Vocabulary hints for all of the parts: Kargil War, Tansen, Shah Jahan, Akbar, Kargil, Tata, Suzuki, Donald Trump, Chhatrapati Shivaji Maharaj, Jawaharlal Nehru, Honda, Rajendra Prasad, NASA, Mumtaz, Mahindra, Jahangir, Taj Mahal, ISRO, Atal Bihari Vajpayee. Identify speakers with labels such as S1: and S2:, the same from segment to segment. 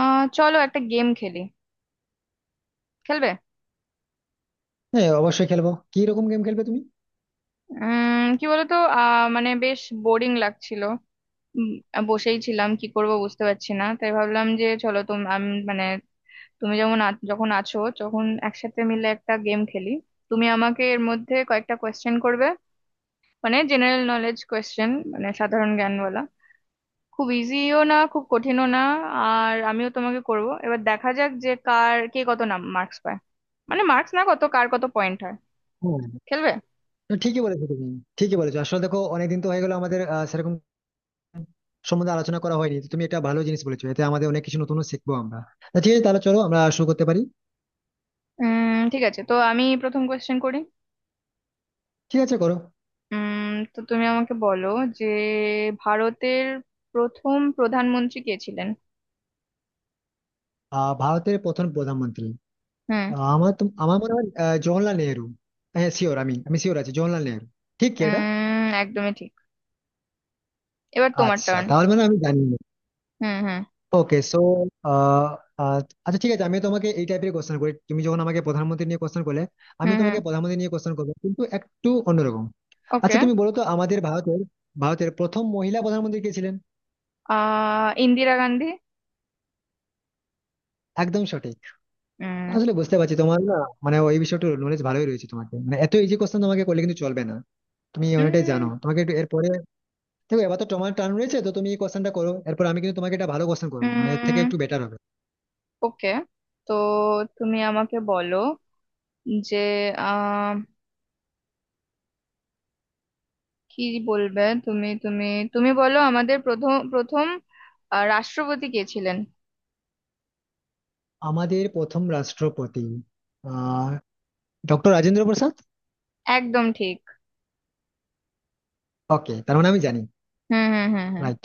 S1: চলো একটা গেম খেলি। খেলবে?
S2: হ্যাঁ অবশ্যই খেলবো। কি রকম গেম খেলবে তুমি?
S1: কি বলতো, মানে বেশ বোরিং লাগছিল। উম, বসেই ছিলাম, কি করব বুঝতে পারছি না, তাই ভাবলাম যে চলো তুমি আমি মানে তুমি যেমন যখন আছো, যখন একসাথে মিলে একটা গেম খেলি। তুমি আমাকে এর মধ্যে কয়েকটা কোয়েশ্চেন করবে, মানে জেনারেল নলেজ কোয়েশ্চেন, মানে সাধারণ জ্ঞানওয়ালা, খুব ইজিও না খুব কঠিনও না। আর আমিও তোমাকে করব, এবার দেখা যাক যে কার কে কত নাম মার্কস পায়, মানে মার্কস না, কত কার কত পয়েন্ট হয়।
S2: হ্যাঁ।
S1: খেলবে?
S2: না, ঠিকই বলেছো তুমি। ঠিকই বলেছো, আসলে দেখো অনেকদিন তো হয়ে গেলো আমাদের সেরকম সম্বন্ধে আলোচনা করা হয়নি। তো তুমি একটা ভালো জিনিস বলেছো, এতে আমাদের অনেক কিছু নতুন শিখবো আমরা। তা ঠিক আছে, তাহলে চলো আমরা শুরু করতে পারি।
S1: ঠিক আছে, তো আমি প্রথম কোয়েশ্চেন করি।
S2: ঠিক আছে, করো।
S1: তো তুমি আমাকে বলো যে ভারতের প্রথম প্রধানমন্ত্রী কে ছিলেন?
S2: ভারতের প্রথম প্রধানমন্ত্রী।
S1: হুম।
S2: আহ, আমার তো আমার মনে হয় জওহরলাল নেহেরু। হ্যাঁ, শিওর, আমি আমি শিওর আছি, জওহরলাল নেহেরু। ঠিক কি এটা?
S1: একদমই ঠিক। এবার তোমার
S2: আচ্ছা,
S1: টার্ন।
S2: তাহলে মানে আমি জানি না।
S1: হুম হুম,
S2: ওকে, সো আচ্ছা ঠিক আছে, আমি তোমাকে এই টাইপের কোশ্চেন করি। তুমি যখন আমাকে প্রধানমন্ত্রী নিয়ে কোশ্চেন করলে, আমি
S1: হুম হুম।
S2: তোমাকে প্রধানমন্ত্রী নিয়ে কোশ্চেন করবো, কিন্তু একটু অন্যরকম। আচ্ছা,
S1: ওকে।
S2: তুমি বলো তো আমাদের ভারতের ভারতের প্রথম মহিলা প্রধানমন্ত্রী কে ছিলেন?
S1: ইন্দিরা গান্ধী।
S2: একদম সঠিক।
S1: উম,
S2: আসলে বুঝতে পারছি তোমার না মানে ওই বিষয়টা নলেজ ভালোই রয়েছে তোমাকে, মানে এত ইজি কোশ্চেন তোমাকে করলে কিন্তু চলবে না। তুমি অনেকটাই জানো,
S1: উম,
S2: তোমাকে একটু এরপরে। দেখো এবার তো তোমার টার্ন রয়েছে, তো তুমি এই কোশ্চেনটা করো, এরপর আমি কিন্তু তোমাকে একটা ভালো কোশ্চেন করবো, মানে এর থেকে
S1: উম।
S2: একটু বেটার হবে।
S1: ওকে, তো তুমি আমাকে বলো যে আহ কি বলবে তুমি তুমি তুমি বলো আমাদের প্রথম প্রথম রাষ্ট্রপতি কে ছিলেন?
S2: আমাদের প্রথম রাষ্ট্রপতি আহ ডক্টর রাজেন্দ্র প্রসাদ।
S1: একদম ঠিক।
S2: ওকে, তার মানে আমি জানি।
S1: হুম হুম, হুম হুম।
S2: রাইট।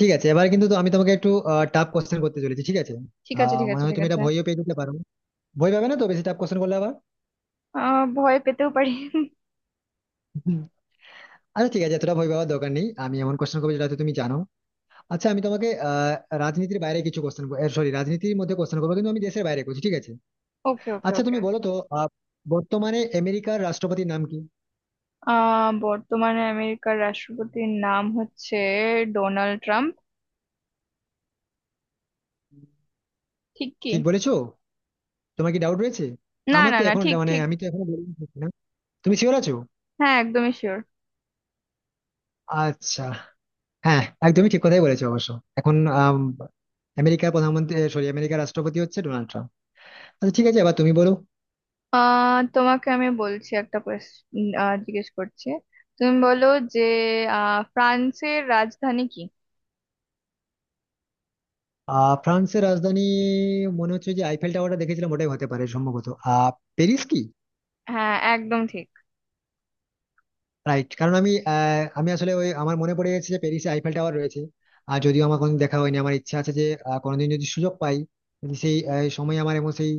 S2: ঠিক আছে, এবার কিন্তু তো আমি তোমাকে একটু টাফ কোশ্চেন করতে চলেছি, ঠিক আছে?
S1: ঠিক আছে, ঠিক
S2: মনে
S1: আছে,
S2: হয়
S1: ঠিক
S2: তুমি এটা
S1: আছে।
S2: ভয়ও পেয়ে যেতে পারো। ভয় পাবে না তো বেশি টাফ কোশ্চেন করলে আবার?
S1: ভয় পেতেও পারি।
S2: হুম। আচ্ছা ঠিক আছে, এতটা ভয় পাওয়ার দরকার নেই, আমি এমন কোশ্চেন করবো যেটা হয়তো তুমি জানো। আচ্ছা আমি তোমাকে রাজনীতির বাইরে কিছু কোশ্চেন, সরি রাজনীতির মধ্যে কোশ্চেন করবো, কিন্তু আমি দেশের বাইরে করছি, ঠিক আছে?
S1: ওকে, ওকে,
S2: আচ্ছা
S1: ওকে।
S2: তুমি বলো তো, আহ, বর্তমানে আমেরিকার রাষ্ট্রপতির নাম কি?
S1: বর্তমানে আমেরিকার রাষ্ট্রপতির নাম হচ্ছে ডোনাল্ড ট্রাম্প। ঠিক কি?
S2: ঠিক বলেছো। তোমার কি ডাউট রয়েছে?
S1: না
S2: আমার
S1: না
S2: তো
S1: না,
S2: এখন
S1: ঠিক
S2: মানে
S1: ঠিক।
S2: আমি তো এখনো বলিনি ঠিক না। তুমি শিওর আছো?
S1: হ্যাঁ, একদমই শিওর।
S2: আচ্ছা। হ্যাঁ, একদমই ঠিক কথাই বলেছো অবশ্য। এখন আম, আমেরিকার প্রধানমন্ত্রী সরি আমেরিকার রাষ্ট্রপতি হচ্ছে ডোনাল্ড ট্রাম্প। আচ্ছা ঠিক আছে, এবার তুমি বলো।
S1: তোমাকে আমি বলছি, একটা কোয়েশ্চেন জিজ্ঞেস করছি, তুমি বলো যে ফ্রান্সের রাজধানী কি?
S2: ফ্রান্সের রাজধানী। মনে হচ্ছে যে আইফেল টাওয়ারটা দেখেছিলাম, ওটাই হতে পারে সম্ভবত। প্যারিস কি?
S1: হ্যাঁ, একদম ঠিক।
S2: রাইট, কারণ আমি আমি আসলে ওই আমার মনে পড়ে গেছে যে প্যারিসে আইফেল টাওয়ার রয়েছে। আর যদিও আমার কোনোদিন দেখা হয়নি, আমার ইচ্ছা আছে যে কোনোদিন যদি সুযোগ পাই, যদি সেই সময় আমার এমন সেই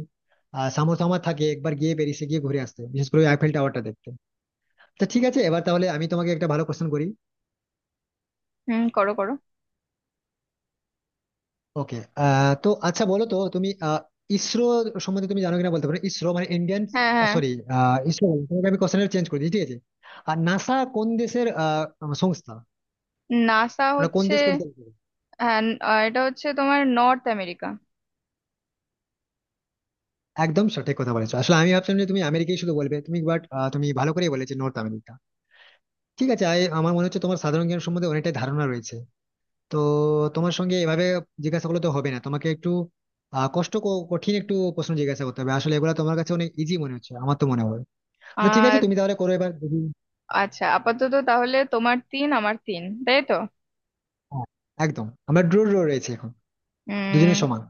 S2: সামর্থ্য আমার থাকে, একবার গিয়ে প্যারিসে গিয়ে ঘুরে আসতে, বিশেষ করে আইফেল টাওয়ারটা দেখতে। তো ঠিক আছে, এবার তাহলে আমি তোমাকে একটা ভালো কোশ্চেন করি।
S1: হুম, করো করো।
S2: ওকে তো আচ্ছা বলো তো তুমি, ইসরো সম্বন্ধে তুমি জানো কিনা বলতে পারো। ইসরো মানে ইন্ডিয়ান
S1: হ্যাঁ হ্যাঁ।
S2: সরি, ইসরো বললাম, তোমাকে আমি কোশ্চেন চেঞ্জ করে দিই ঠিক আছে। আর নাসা কোন দেশের সংস্থা?
S1: নাসা
S2: ওটা কোন
S1: হচ্ছে,
S2: দেশ পরিচালিত করে?
S1: হ্যাঁ, আহ, এটা হচ্ছে তোমার নর্থ আমেরিকা।
S2: একদম সঠিক কথা বলেছো। আসলে আমি ভাবছিলাম যে তুমি আমেরিকাই শুধু বলবে তুমি, বাট তুমি ভালো করেই বলেছো নর্থ আমেরিকা। ঠিক আছে আমার মনে হচ্ছে তোমার সাধারণ জ্ঞান সম্বন্ধে অনেকটাই ধারণা রয়েছে। তো তোমার সঙ্গে এভাবে জিজ্ঞাসা করলে তো হবে না, তোমাকে একটু কঠিন একটু প্রশ্ন জিজ্ঞাসা করতে হবে। আসলে এগুলো তোমার কাছে অনেক ইজি মনে হচ্ছে আমার তো মনে হয়। না ঠিক আছে, তুমি তাহলে করো, এবার দেখি।
S1: আচ্ছা আপাতত তাহলে তোমার তিন আমার তিন, তাই তো?
S2: হ্যাঁ, একদম, আমরা ড্র ড্র রয়েছে এখন, দুজনের
S1: উম।
S2: সমান।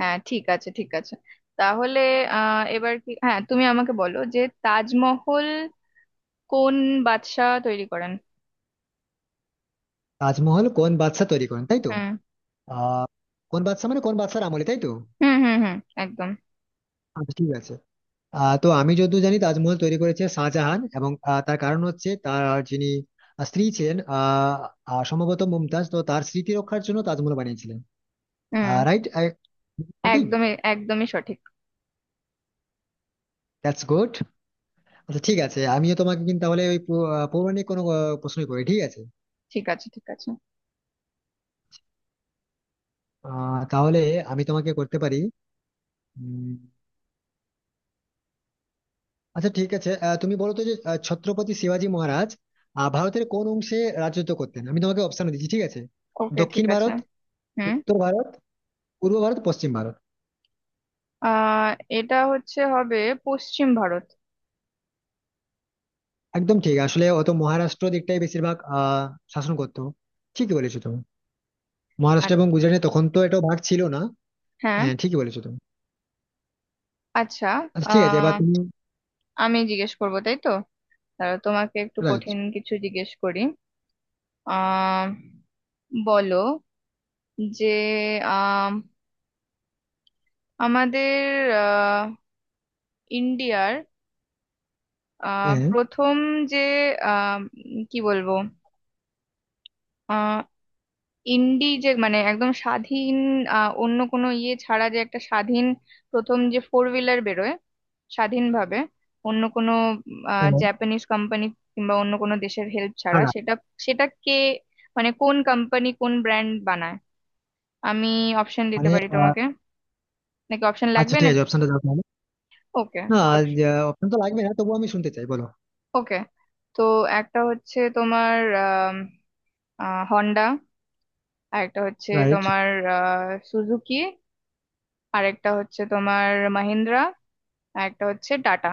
S1: হ্যাঁ, ঠিক আছে ঠিক আছে। তাহলে এবার কি, হ্যাঁ তুমি আমাকে বলো যে তাজমহল কোন বাদশাহ তৈরি করেন?
S2: তাজমহল কোন বাদশা তৈরি করেন তাই তো?
S1: হুম
S2: আহ কোন বাদশা মানে কোন বাদশার আমলে তাই তো?
S1: হুম, হুম হুম। একদম।
S2: আচ্ছা ঠিক আছে। তো আমি যতদূর জানি তাজমহল তৈরি করেছে শাহজাহান, এবং তার কারণ হচ্ছে তার যিনি স্ত্রী ছিলেন আহ আহ, সম্ভবত মুমতাজ, তো তার স্মৃতি রক্ষার জন্য তাজমহল বানিয়েছিলেন।
S1: হুম।
S2: রাইট। ঠিক।
S1: একদমই, একদমই সঠিক।
S2: That's good. আচ্ছা ঠিক আছে, আমিও তোমাকে কিন্তু তাহলে ওই পৌরাণিক কোনো প্রশ্নই করি, ঠিক আছে?
S1: ঠিক আছে, ঠিক আছে।
S2: তাহলে আমি তোমাকে করতে পারি, উম, আচ্ছা ঠিক আছে, তুমি বলো তো যে ছত্রপতি শিবাজী মহারাজ ভারতের কোন অংশে রাজত্ব করতেন? আমি তোমাকে অপশন দিচ্ছি ঠিক আছে।
S1: ওকে, ঠিক
S2: দক্ষিণ
S1: আছে।
S2: ভারত,
S1: হুম।
S2: উত্তর ভারত, পূর্ব ভারত, পশ্চিম ভারত।
S1: আহ এটা হচ্ছে, হবে পশ্চিম ভারত।
S2: একদম ঠিক। আসলে অত মহারাষ্ট্র দিকটাই বেশিরভাগ শাসন করতো। ঠিকই বলেছো তুমি।
S1: আ-
S2: মহারাষ্ট্র এবং গুজরাটে, তখন তো এটা ভাগ ছিল না।
S1: হ্যাঁ।
S2: হ্যাঁ ঠিকই বলেছো তুমি।
S1: আচ্ছা।
S2: আচ্ছা ঠিক আছে, এবার
S1: আহ
S2: তুমি।
S1: আমি জিজ্ঞেস করবো তাই তো, তাহলে তোমাকে একটু
S2: রাইট।
S1: কঠিন কিছু জিজ্ঞেস করি। আহ বলো যে আম, আমাদের আহ, ইন্ডিয়ার
S2: হ্যাঁ।
S1: প্রথম যে আম, কি বলবো, আহ, ইন্ডি যে মানে একদম স্বাধীন, অন্য কোনো ইয়ে ছাড়া, যে একটা স্বাধীন প্রথম যে ফোর হুইলার বেরোয় স্বাধীনভাবে, অন্য কোনো
S2: হ্যাঁ না,
S1: জাপানিজ কোম্পানি কিংবা অন্য কোনো দেশের হেল্প ছাড়া,
S2: না,
S1: সেটা সেটা কে, মানে কোন কোম্পানি কোন ব্র্যান্ড বানায়? আমি অপশন দিতে
S2: মানে
S1: পারি তোমাকে, নাকি অপশন
S2: আচ্ছা
S1: লাগবে
S2: ঠিক
S1: নাকি?
S2: আছে, অপশনটা দাও তাহলে।
S1: ওকে
S2: না,
S1: তো,
S2: অপশন তো লাগবে না, তবুও আমি শুনতে চাই, বলো।
S1: ওকে তো, একটা হচ্ছে তোমার হন্ডা, আর একটা হচ্ছে
S2: রাইট।
S1: তোমার সুজুকি, আর একটা হচ্ছে তোমার মাহিন্দ্রা, আর একটা হচ্ছে টাটা।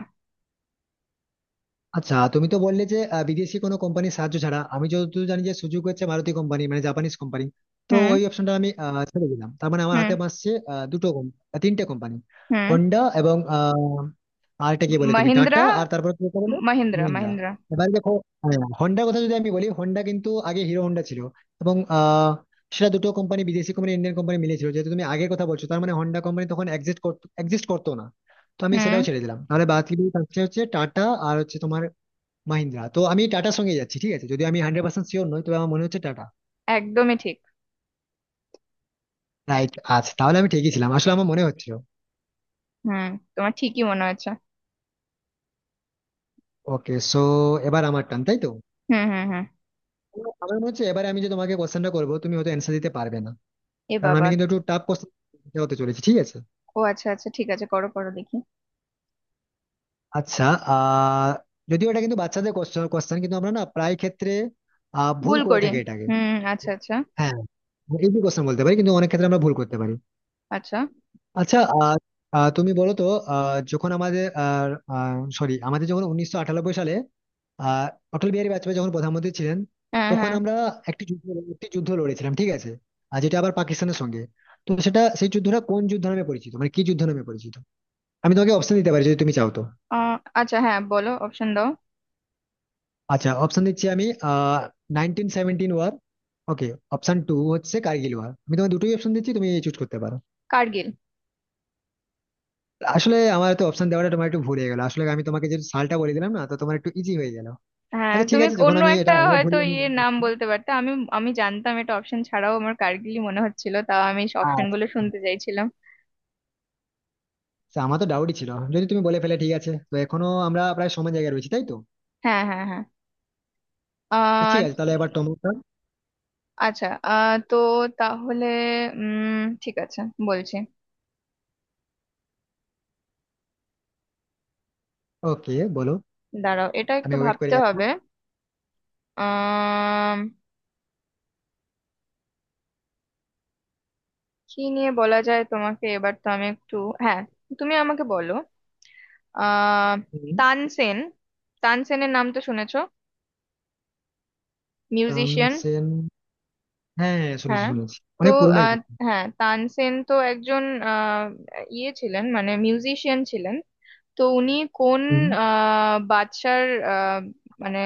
S2: আচ্ছা তুমি তো বললে যে বিদেশি কোনো কোম্পানির সাহায্য ছাড়া, আমি যতদূর জানি যে সুযোগ হচ্ছে ভারতীয় কোম্পানি মানে জাপানিজ কোম্পানি, তো
S1: হুম,
S2: ওই অপশনটা আমি ছেড়ে দিলাম। তার মানে আমার
S1: হুম,
S2: হাতে বাঁচছে আহ, দুটো com- আহ, তিনটে কোম্পানি।
S1: হুম।
S2: হন্ডা এবং আরেকটা কি বলে তুমি,
S1: মাহিন্দ্রা
S2: টাটা, আর তারপরে তুমি বলে
S1: মাহিন্দ্রা
S2: মহিন্দ্রা।
S1: মাহিন্দ্রা।
S2: এবার দেখো, হ্যাঁ, হন্ডার কথা যদি আমি বলি, হন্ডা কিন্তু আগে হিরো হন্ডা ছিল, এবং সেটা দুটো কোম্পানি, বিদেশি কোম্পানি ইন্ডিয়ান কোম্পানি মিলেছিল। যেহেতু তুমি আগের কথা বলছো, তার মানে হন্ডা কোম্পানি তখন এক্সিস্ট করতো, এক্সিস্ট করতো না। তো আমি সেটাও
S1: হুম,
S2: ছেড়ে দিলাম, তাহলে বাদ কি থাকছে, হচ্ছে টাটা আর হচ্ছে তোমার মাহিন্দ্রা। তো আমি টাটার সঙ্গে যাচ্ছি ঠিক আছে, যদি আমি 100% শিওর নই, তবে আমার মনে হচ্ছে টাটা।
S1: একদমই ঠিক।
S2: রাইট। আচ্ছা তাহলে আমি ঠিকই ছিলাম, আসলে আমার মনে হচ্ছিল।
S1: হুম, তোমার ঠিকই মনে হচ্ছে।
S2: ওকে সো এবার আমার টান তাই তো?
S1: হুম হুম, হুম।
S2: তো আমার মনে হচ্ছে এবারে আমি যে তোমাকে কোশ্চেনটা করবো, তুমি হয়তো অ্যান্সার দিতে পারবে না,
S1: এ
S2: কারণ
S1: বাবা।
S2: আমি কিন্তু একটু টাফ কোশ্চেন হতে চলেছি ঠিক আছে।
S1: ও আচ্ছা, আচ্ছা ঠিক আছে, করো করো দেখি।
S2: আচ্ছা। আহ যদিও এটা কিন্তু বাচ্চাদের কোশ্চেন, কিন্তু আমরা না প্রায় ক্ষেত্রে ভুল
S1: ভুল
S2: করে
S1: করি?
S2: থাকি এটাকে।
S1: হুম, আচ্ছা আচ্ছা।
S2: হ্যাঁ, ইজি কোশ্চেন বলতে পারি কিন্তু অনেক ক্ষেত্রে আমরা ভুল করতে পারি।
S1: আচ্ছা।
S2: আচ্ছা, আহ, আহ, তুমি বলো তো যখন আমাদের সরি, আমাদের যখন 1998 সালে, আহ অটল বিহারী বাজপেয়ী যখন প্রধানমন্ত্রী ছিলেন,
S1: হ্যাঁ
S2: তখন
S1: হ্যাঁ।
S2: আমরা একটি যুদ্ধ একটি যুদ্ধ লড়েছিলাম ঠিক আছে, আর যেটা আবার পাকিস্তানের সঙ্গে। তো সেটা সেই যুদ্ধটা কোন যুদ্ধ নামে পরিচিত, মানে কি যুদ্ধ নামে পরিচিত? আমি তোমাকে অপশন দিতে পারি যদি তুমি চাও। তো
S1: আহ, আচ্ছা, হ্যাঁ বলো, অপশন দাও।
S2: আচ্ছা, অপশন দিচ্ছি আমি। আহ 1917 ওয়ার, ওকে, অপশন টু হচ্ছে কার্গিল ওয়ার। আমি তোমাকে দুটোই অপশন দিচ্ছি, তুমি চুজ করতে পারো।
S1: কার্গিল।
S2: আসলে আমার তো অপশন দেওয়াটা তোমার একটু ভুল হয়ে গেল, আসলে আমি তোমাকে যে সালটা বলে দিলাম না, তো তোমার একটু ইজি হয়ে গেল।
S1: হ্যাঁ,
S2: আচ্ছা ঠিক
S1: তুমি
S2: আছে, যখন
S1: অন্য
S2: আমি
S1: একটা
S2: এটা আমার ভুল
S1: হয়তো
S2: আমি।
S1: ইয়ে নাম বলতে পারতে। আমি আমি জানতাম, এটা অপশন ছাড়াও আমার কার্গিলই মনে হচ্ছিল, তাও আমি অপশন গুলো
S2: আচ্ছা।
S1: শুনতে চাইছিলাম।
S2: আচ্ছা, আমার তো ডাউটই ছিল যদি তুমি বলে ফেলে ঠিক আছে, তো এখনো আমরা প্রায় সমান জায়গায় রয়েছি তাই তো।
S1: হ্যাঁ হ্যাঁ হ্যাঁ।
S2: তো
S1: আহ
S2: ঠিক
S1: উম,
S2: আছে তাহলে এবার টমেটো।
S1: আচ্ছা। তো তাহলে ঠিক আছে, বলছি।
S2: ওকে বলো।
S1: দাঁড়াও, এটা একটু
S2: আমি ওয়েট করে
S1: ভাবতে
S2: আছি।
S1: হবে। আহ কি নিয়ে বলা যায় তোমাকে এবার, তো আমি একটু, হ্যাঁ তুমি আমাকে বলো আহ
S2: হুম,
S1: তানসেন, তানসেনের নাম তো শুনেছো, মিউজিশিয়ান।
S2: তানসেন। হ্যাঁ হ্যাঁ, শুনেছি
S1: হ্যাঁ।
S2: শুনেছি,
S1: তো
S2: অনেক পুরোনো
S1: আহ,
S2: একজন।
S1: হ্যাঁ তানসেন তো একজন আহ, ইয়ে ছিলেন, মানে মিউজিশিয়ান ছিলেন। তো উনি কোন
S2: হুম।
S1: বাদশার আহ, মানে,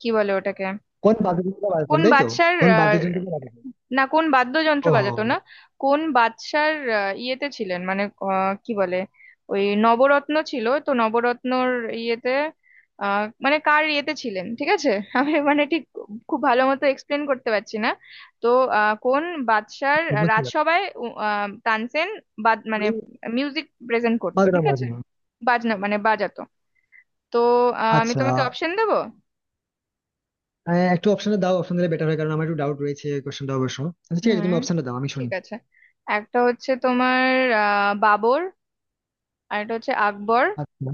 S1: কি বলে ওটাকে,
S2: কোন বাদ্যযন্ত্র বাজাতেন
S1: কোন
S2: তাই তো?
S1: বাদশার,
S2: কোন বাদ্যযন্ত্র বাজাতেন?
S1: না কোন বাদ্যযন্ত্র
S2: ও।
S1: বাজাতো না, কোন বাদশার ইয়েতে ছিলেন মানে, কি বলে, ওই নবরত্ন ছিল তো, নবরত্নর ইয়েতে, মানে কার ইয়েতে ছিলেন ঠিক আছে আমি মানে ঠিক খুব ভালো মতো এক্সপ্লেন করতে পারছি না। তো কোন বাদশার
S2: বুঝতে পারছি।
S1: রাজসভায় তানসেন বাদ মানে
S2: উনি
S1: মিউজিক প্রেজেন্ট করতো,
S2: বাজনা
S1: ঠিক আছে,
S2: বাজান।
S1: বাজনা মানে বাজাতো। তো আমি
S2: আচ্ছা
S1: তোমাকে অপশন দেবো।
S2: একটু অপশনটা দাও, অপশন দিলে বেটার হয়, কারণ আমার একটু ডাউট রয়েছে এই কোশ্চেনটা অবশ্য। আচ্ছা ঠিক
S1: হুম,
S2: আছে, তুমি অপশনটা দাও আমি
S1: ঠিক
S2: শুনি।
S1: আছে। একটা হচ্ছে তোমার বাবর, আর একটা হচ্ছে আকবর,
S2: আচ্ছা।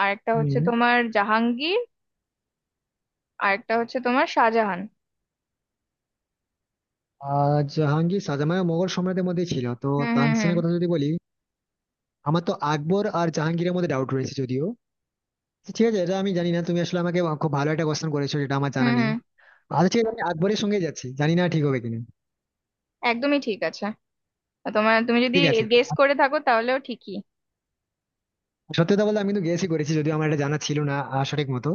S1: আর একটা হচ্ছে
S2: হুম।
S1: তোমার জাহাঙ্গীর, আর একটা হচ্ছে তোমার শাহজাহান।
S2: জাহাঙ্গীর শাহজাহান মোগল সম্রাটের মধ্যে ছিল তো।
S1: হুম হুম, হুম
S2: তানসেনের কথা যদি বলি, আমার তো আকবর আর জাহাঙ্গীরের মধ্যে ডাউট রয়েছে যদিও। তো ঠিক আছে, এটা আমি জানি না। তুমি আসলে আমাকে খুব ভালো একটা কোশ্চেন করেছো যেটা আমার
S1: হুম।
S2: জানা নেই।
S1: হুম।
S2: আচ্ছা ঠিক আছে, আমি আকবরের সঙ্গে যাচ্ছি, জানি না ঠিক হবে কিনা।
S1: একদমই ঠিক আছে। আর তোমার, তুমি যদি
S2: ঠিক আছে।
S1: গেস করে থাকো তাহলেও ঠিকই।
S2: সত্যি কথা বলতে আমি কিন্তু গেসই করেছি, যদিও আমার এটা জানা ছিল না সঠিক মতো।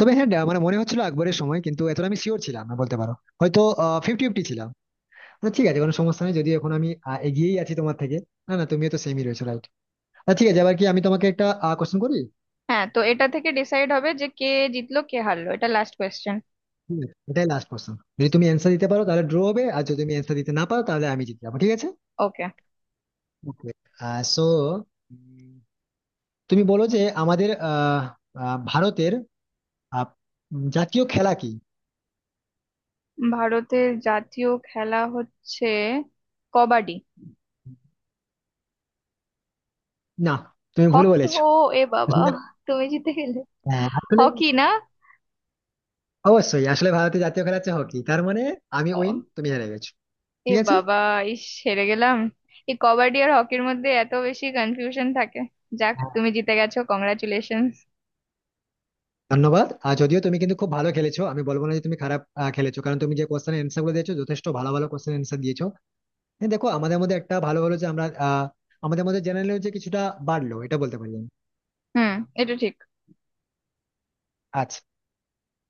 S2: তবে হ্যাঁ মানে মনে হচ্ছিল আকবরের সময়, কিন্তু এতটা আমি শিওর ছিলাম না বলতে পারো, হয়তো 50-50 ছিলাম। তো ঠিক আছে কোনো সমস্যা নেই, যদিও এখন আমি এগিয়েই আছি তোমার থেকে। না না তুমিও তো সেমই রয়েছো, রাইট। আচ্ছা ঠিক আছে, এবার কি আমি তোমাকে একটা কোশ্চেন করি।
S1: হ্যাঁ, তো এটা থেকে ডিসাইড হবে যে কে জিতলো কে হারলো, এটা লাস্ট কোয়েশ্চেন।
S2: ঠিক আছে, এটাই লাস্ট কোশ্চেন, যদি তুমি অ্যান্সার দিতে পারো তাহলে ড্র হবে, আর যদি তুমি অ্যান্সার দিতে না পারো তাহলে আমি জিতে যাবো ঠিক আছে।
S1: ওকে।
S2: ওকে সো তুমি বলো যে আমাদের আহ, আহ, ভারতের আহ, জাতীয় খেলা কি?
S1: ভারতের জাতীয় খেলা হচ্ছে কবাডি।
S2: না, তুমি ভুল
S1: হকি?
S2: বলেছো।
S1: ও, এ বাবা,
S2: আসলে,
S1: তুমি জিতে গেলে!
S2: হ্যাঁ আসলে,
S1: হকি না?
S2: অবশ্যই আসলে ভারতের জাতীয় খেলা হচ্ছে হকি। তার মানে আমি উইন, তুমি হেরে গেছো
S1: এ
S2: ঠিক আছে।
S1: বাবা, ইস, হেরে গেলাম। এই কবাডি আর হকির মধ্যে এত বেশি কনফিউশন থাকে। যাক,
S2: হ্যাঁ,
S1: তুমি জিতে গেছো, কংগ্রাচুলেশনস।
S2: ধন্যবাদ। আর যদিও তুমি কিন্তু খুব ভালো খেলেছো, আমি বলবো না যে তুমি খারাপ খেলেছো, কারণ তুমি যে কোশ্চেন অ্যান্সার গুলো দিয়েছো যথেষ্ট ভালো ভালো কোশ্চেন অ্যান্সার দিয়েছো। হ্যাঁ, দেখো আমাদের মধ্যে একটা ভালো ভালো যে আমরা আমাদের মধ্যে জেনারেল যে কিছুটা বাড়লো, এটা বলতে পারি আমি।
S1: হুম, এটা ঠিক।
S2: আচ্ছা।